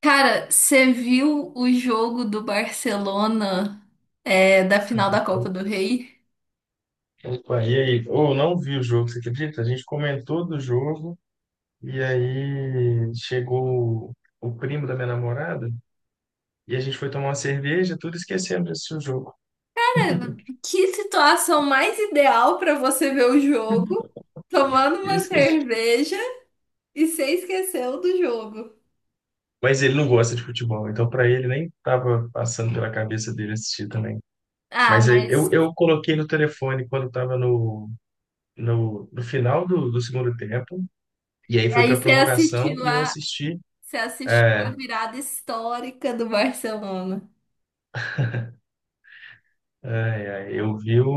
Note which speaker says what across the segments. Speaker 1: Cara, você viu o jogo do Barcelona, da final da Copa do Rei?
Speaker 2: Opa, e aí? Ou não vi o jogo, você acredita? A gente comentou do jogo e aí chegou o primo da minha namorada e a gente foi tomar uma cerveja, tudo esquecendo de assistir o jogo.
Speaker 1: Que situação mais ideal para você ver o jogo, tomando
Speaker 2: E
Speaker 1: uma
Speaker 2: esqueci.
Speaker 1: cerveja e você esqueceu do jogo.
Speaker 2: Mas ele não gosta de futebol, então para ele nem tava passando pela cabeça dele assistir também.
Speaker 1: Ah,
Speaker 2: Mas aí eu,
Speaker 1: mas
Speaker 2: eu coloquei no telefone quando estava no final do segundo tempo, e aí foi
Speaker 1: aí
Speaker 2: para
Speaker 1: você
Speaker 2: prorrogação
Speaker 1: assistiu
Speaker 2: e eu
Speaker 1: a,
Speaker 2: assisti.
Speaker 1: você assistiu a
Speaker 2: É,
Speaker 1: virada histórica do Barcelona.
Speaker 2: é, é, eu vi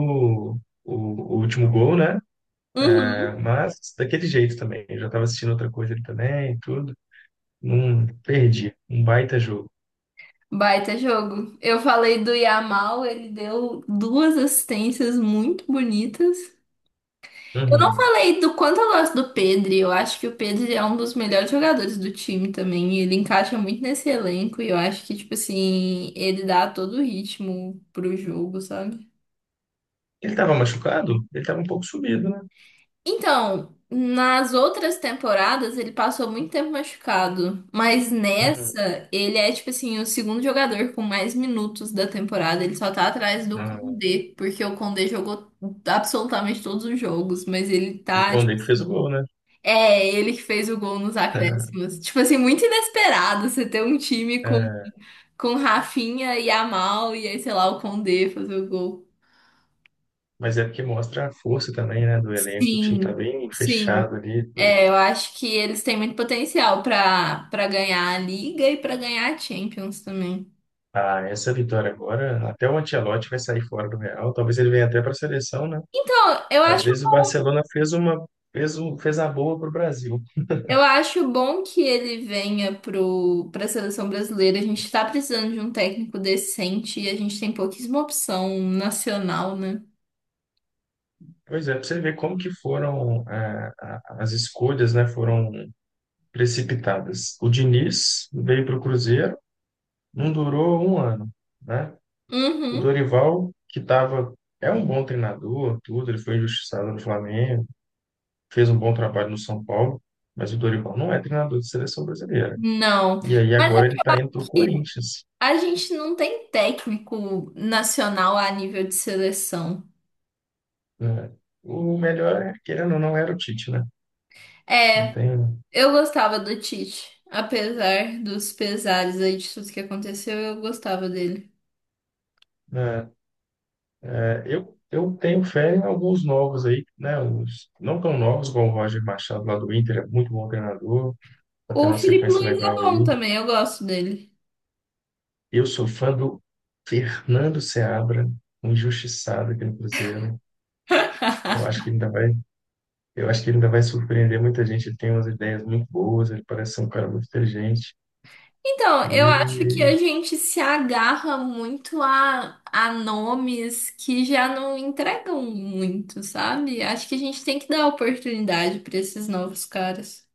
Speaker 2: o, o último gol, né?
Speaker 1: Uhum.
Speaker 2: Mas daquele jeito também. Eu já estava assistindo outra coisa ali também e tudo. Não perdi. Um baita jogo.
Speaker 1: Baita jogo. Eu falei do Yamal, ele deu duas assistências muito bonitas. Eu não
Speaker 2: Uhum.
Speaker 1: falei do quanto eu gosto do Pedri. Eu acho que o Pedri é um dos melhores jogadores do time também. E ele encaixa muito nesse elenco e eu acho que, tipo assim, ele dá todo o ritmo pro jogo, sabe?
Speaker 2: Ele estava machucado? Ele estava um pouco subido, né?
Speaker 1: Então, nas outras temporadas ele passou muito tempo machucado, mas
Speaker 2: Uhum.
Speaker 1: nessa ele é, tipo assim, o segundo jogador com mais minutos da temporada. Ele só tá atrás do
Speaker 2: Ah,
Speaker 1: Koundé, porque o Koundé jogou absolutamente todos os jogos, mas ele
Speaker 2: e o
Speaker 1: tá, tipo
Speaker 2: Condé que fez o
Speaker 1: assim.
Speaker 2: gol, né?
Speaker 1: É, ele que fez o gol nos acréscimos. Tipo assim, muito inesperado você ter um time com,
Speaker 2: É,
Speaker 1: com Rafinha e Amal e aí, sei lá, o Condé fazer o gol.
Speaker 2: mas é porque mostra a força também, né, do elenco. O time tá
Speaker 1: Sim,
Speaker 2: bem
Speaker 1: sim.
Speaker 2: fechado ali.
Speaker 1: É, eu acho que eles têm muito potencial pra para ganhar a Liga e pra ganhar a Champions também.
Speaker 2: Ah, essa vitória agora, até o Ancelotti vai sair fora do Real. Talvez ele venha até para a seleção, né?
Speaker 1: Então, eu
Speaker 2: Às
Speaker 1: acho,
Speaker 2: vezes o Barcelona fez uma, fez um, fez a boa pro Brasil.
Speaker 1: eu acho bom que ele venha pra seleção brasileira. A gente tá precisando de um técnico decente e a gente tem pouquíssima opção nacional, né?
Speaker 2: Pois é, para você ver como que foram as escolhas, né, foram precipitadas. O Diniz veio para o Cruzeiro, não durou um ano, né? O
Speaker 1: Uhum.
Speaker 2: Dorival, que tava, é um bom treinador, tudo, ele foi injustiçado no Flamengo, fez um bom trabalho no São Paulo, mas o Dorival não é treinador de seleção brasileira.
Speaker 1: Não.
Speaker 2: E aí
Speaker 1: Mas é
Speaker 2: agora ele está indo para o Corinthians,
Speaker 1: A gente não tem técnico nacional a nível de seleção.
Speaker 2: né? O melhor, querendo ou não, era o Tite, né? Não
Speaker 1: É,
Speaker 2: tem,
Speaker 1: eu gostava do Tite, apesar dos pesares aí de tudo que aconteceu, eu gostava dele.
Speaker 2: né? Eu tenho fé em alguns novos aí, né? Uns não tão novos, como o Roger Machado lá do Inter, é muito bom treinador, tá tendo
Speaker 1: O
Speaker 2: uma
Speaker 1: Felipe
Speaker 2: sequência
Speaker 1: Luiz é
Speaker 2: legal
Speaker 1: bom
Speaker 2: aí.
Speaker 1: também, eu gosto dele.
Speaker 2: Eu sou fã do Fernando Seabra, um injustiçado aqui no Cruzeiro. Eu acho que ele ainda vai, eu acho que ele ainda vai surpreender muita gente. Ele tem umas ideias muito boas, ele parece ser um cara muito inteligente.
Speaker 1: Então, eu acho que
Speaker 2: E,
Speaker 1: a gente se agarra muito a nomes que já não entregam muito, sabe? Acho que a gente tem que dar oportunidade para esses novos caras.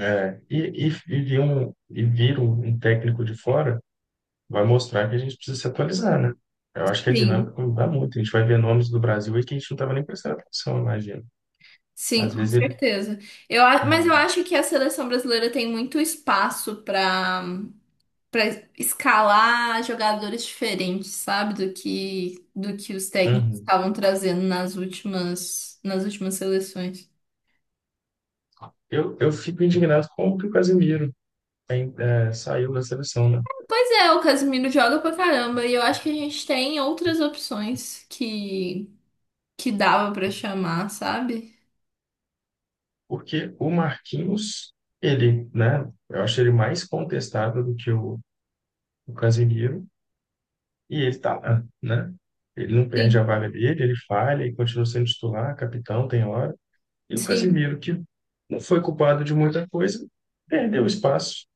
Speaker 2: e vira um técnico de fora. Vai mostrar que a gente precisa se atualizar, né? Eu acho que a
Speaker 1: Sim.
Speaker 2: dinâmica muda muito. A gente vai ver nomes do Brasil aí que a gente não estava nem prestando atenção, eu imagino.
Speaker 1: Sim,
Speaker 2: Às
Speaker 1: com
Speaker 2: vezes ele.
Speaker 1: certeza. Mas eu
Speaker 2: é,
Speaker 1: acho que a seleção brasileira tem muito espaço para escalar jogadores diferentes, sabe? Do que os técnicos
Speaker 2: uhum.
Speaker 1: estavam trazendo nas últimas seleções.
Speaker 2: Eu fico indignado com o que o Casemiro saiu da seleção, né?
Speaker 1: Pois é, o Casemiro joga pra caramba e eu acho que a gente tem outras opções que dava pra chamar, sabe?
Speaker 2: Porque o Marquinhos, ele, né? Eu acho ele mais contestável do que o Casemiro, e ele tá lá, né? Ele não perde a
Speaker 1: Sim.
Speaker 2: vaga dele, ele falha e continua sendo titular, capitão, tem hora. E o
Speaker 1: Sim.
Speaker 2: Casemiro, que não foi culpado de muita coisa, perdeu espaço.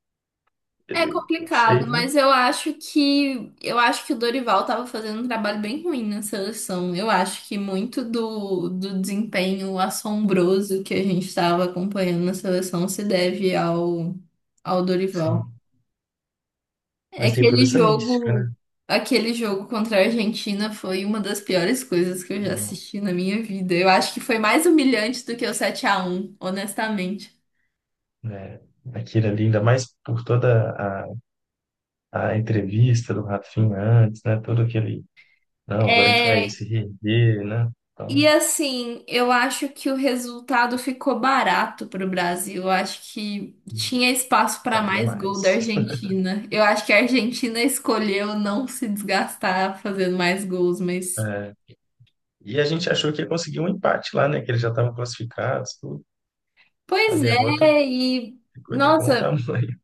Speaker 1: É
Speaker 2: Ele, não sei,
Speaker 1: complicado,
Speaker 2: né?
Speaker 1: mas eu acho que o Dorival estava fazendo um trabalho bem ruim na seleção. Eu acho que muito do desempenho assombroso que a gente estava acompanhando na seleção se deve ao Dorival.
Speaker 2: Sim.
Speaker 1: É
Speaker 2: Mas
Speaker 1: que
Speaker 2: tem toda
Speaker 1: Aquele
Speaker 2: essa mística, né?
Speaker 1: jogo, aquele jogo contra a Argentina foi uma das piores coisas que eu já
Speaker 2: Não,
Speaker 1: assisti na minha vida. Eu acho que foi mais humilhante do que o 7-1, honestamente.
Speaker 2: né? Aquilo ali, ainda mais por toda a, a entrevista do Rafinha antes, né? Todo aquele, não, agora a gente vai
Speaker 1: É,
Speaker 2: se reerguer, né?
Speaker 1: E
Speaker 2: Então,
Speaker 1: assim, eu acho que o resultado ficou barato pro Brasil. Eu acho que tinha espaço para
Speaker 2: cabia
Speaker 1: mais gol da
Speaker 2: mais.
Speaker 1: Argentina. Eu acho que a Argentina escolheu não se desgastar fazendo mais gols, mas.
Speaker 2: É, e a gente achou que ia conseguir um empate lá, né? Que eles já estavam classificados, tudo. A
Speaker 1: Pois
Speaker 2: derrota
Speaker 1: é, e.
Speaker 2: ficou de bom
Speaker 1: Nossa,
Speaker 2: tamanho.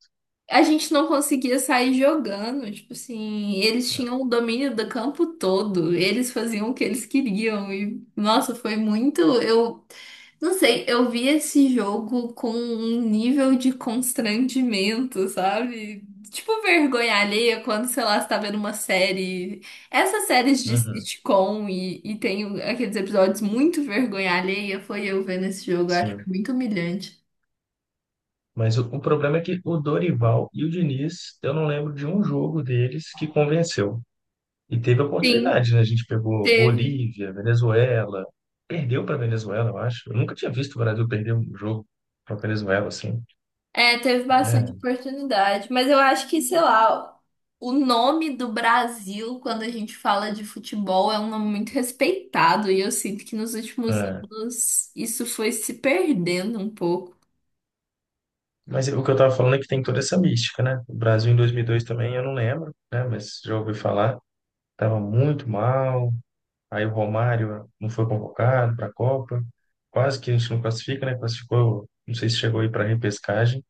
Speaker 1: a gente não conseguia sair jogando. Tipo assim, eles tinham o domínio do campo todo. Eles faziam o que eles queriam. E, nossa, foi muito. Eu Não sei, eu vi esse jogo com um nível de constrangimento, sabe? Tipo vergonha alheia quando, sei lá, você tá vendo uma série. Essas séries de
Speaker 2: Uhum,
Speaker 1: sitcom e tem aqueles episódios muito vergonha alheia, foi eu vendo esse jogo, eu acho que
Speaker 2: sim.
Speaker 1: foi muito humilhante.
Speaker 2: Mas o problema é que o Dorival e o Diniz, eu não lembro de um jogo deles que convenceu. E teve
Speaker 1: Sim,
Speaker 2: oportunidade, né? A gente pegou
Speaker 1: teve.
Speaker 2: Bolívia, Venezuela, perdeu para Venezuela, eu acho. Eu nunca tinha visto o Brasil perder um jogo para Venezuela, assim.
Speaker 1: É, teve bastante
Speaker 2: É,
Speaker 1: oportunidade, mas eu acho que, sei lá, o nome do Brasil, quando a gente fala de futebol, é um nome muito respeitado, e eu sinto que nos últimos
Speaker 2: é.
Speaker 1: anos isso foi se perdendo um pouco.
Speaker 2: Mas o que eu tava falando é que tem toda essa mística, né? O Brasil em 2002 também, eu não lembro, né? Mas já ouvi falar, tava muito mal. Aí o Romário não foi convocado para a Copa. Quase que a gente não classifica, né? Classificou, não sei se chegou aí para repescagem.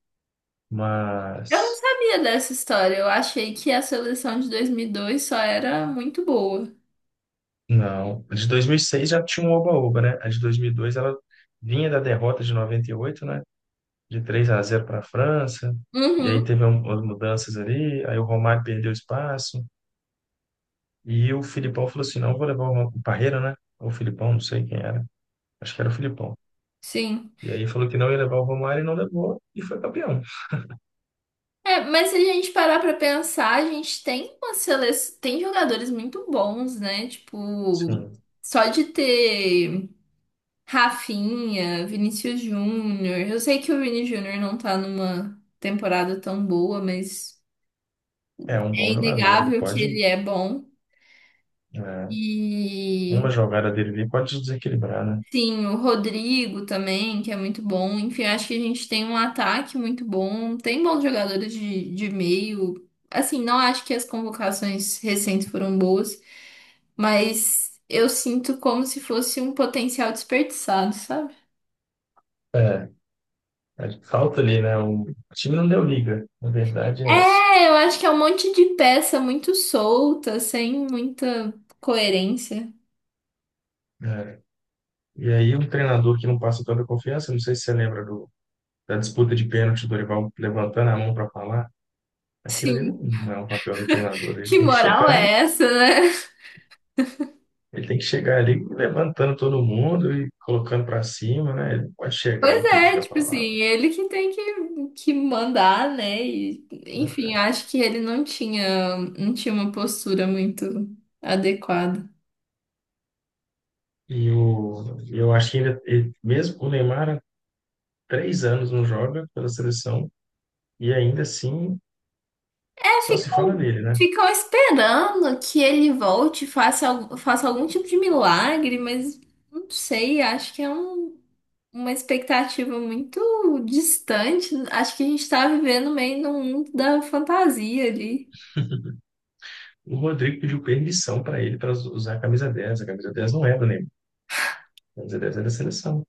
Speaker 1: Eu não
Speaker 2: Mas
Speaker 1: sabia dessa história, eu achei que a seleção de 2002 só era muito boa.
Speaker 2: não, a de 2006 já tinha um oba-oba, né? A de 2002 ela vinha da derrota de 98, né? De 3 a zero para a França. E aí
Speaker 1: Uhum,
Speaker 2: teve umas mudanças ali, aí o Romário perdeu espaço e o Filipão falou assim: "Não vou levar o, o Parreira, né? Ou o Filipão, não sei quem era. Acho que era o Filipão.
Speaker 1: sim.
Speaker 2: E aí falou que não ia levar o Romário e não levou e foi campeão.
Speaker 1: É, mas se a gente parar pra pensar, a gente tem uma seleção, tem jogadores muito bons, né? Tipo,
Speaker 2: Sim,
Speaker 1: só de ter. Rafinha, Vinícius Júnior. Eu sei que o Vini Júnior não tá numa temporada tão boa, mas
Speaker 2: é um
Speaker 1: é
Speaker 2: bom jogador, ele
Speaker 1: inegável que
Speaker 2: pode,
Speaker 1: ele é bom.
Speaker 2: é,
Speaker 1: E
Speaker 2: uma jogada dele ali pode desequilibrar, né?
Speaker 1: sim, o Rodrigo também, que é muito bom. Enfim, acho que a gente tem um ataque muito bom. Tem bons jogadores de meio. Assim, não acho que as convocações recentes foram boas, mas eu sinto como se fosse um potencial desperdiçado, sabe?
Speaker 2: é É, falta ali, né? O time não deu liga, na verdade é essa.
Speaker 1: É, eu acho que é um monte de peça muito solta, sem muita coerência.
Speaker 2: É. E aí um treinador que não passa toda a confiança, não sei se você lembra da disputa de pênalti do Dorival levantando a mão para falar, aquilo ali não,
Speaker 1: Sim.
Speaker 2: não é um papel do treinador,
Speaker 1: Que moral é essa, né?
Speaker 2: ele tem que chegar ali levantando todo mundo e colocando para cima, né? Ele não pode chegar
Speaker 1: Pois
Speaker 2: e pedir
Speaker 1: é,
Speaker 2: a
Speaker 1: tipo assim,
Speaker 2: palavra.
Speaker 1: ele que tem que mandar, né? E, enfim, acho que ele não tinha uma postura muito adequada.
Speaker 2: E eu acho que ainda, e mesmo o Neymar há 3 anos não joga pela seleção e ainda assim
Speaker 1: É,
Speaker 2: só se
Speaker 1: ficam,
Speaker 2: fala nele, né?
Speaker 1: ficam esperando que ele volte, faça algum tipo de milagre, mas não sei, acho que é uma expectativa muito distante. Acho que a gente tá vivendo meio num mundo da fantasia ali.
Speaker 2: O Rodrigo pediu permissão para ele para usar a camisa 10. A camisa 10 não é do Neymar. A camisa 10 é da seleção.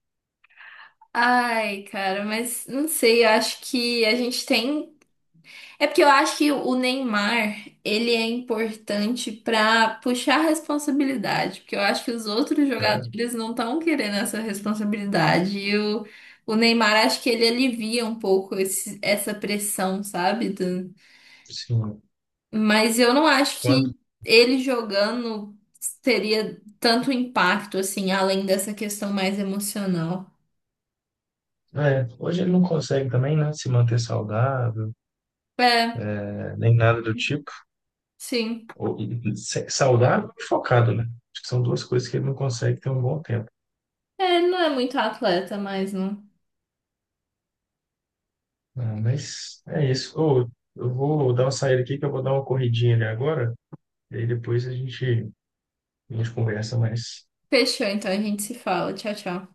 Speaker 1: Ai, cara, mas não sei, eu acho que a gente tem. É porque eu acho que o Neymar, ele é importante pra puxar responsabilidade, porque eu acho que os outros
Speaker 2: É,
Speaker 1: jogadores não estão querendo essa responsabilidade. E o Neymar, acho que ele alivia um pouco essa pressão, sabe?
Speaker 2: sim.
Speaker 1: Mas eu não acho
Speaker 2: Quando?
Speaker 1: que ele jogando teria tanto impacto, assim, além dessa questão mais emocional.
Speaker 2: É, hoje ele não consegue também, né? Se manter saudável,
Speaker 1: É,
Speaker 2: né, nem nada do tipo.
Speaker 1: sim.
Speaker 2: Ou, saudável e focado, né? Acho que são duas coisas que ele não consegue ter um bom tempo.
Speaker 1: É, ele não é muito atleta mais, não.
Speaker 2: Ah, mas é isso. Ô, eu vou dar uma saída aqui, que eu vou dar uma corridinha ali agora. E aí depois a gente conversa mais.
Speaker 1: Fechou, então a gente se fala. Tchau, tchau.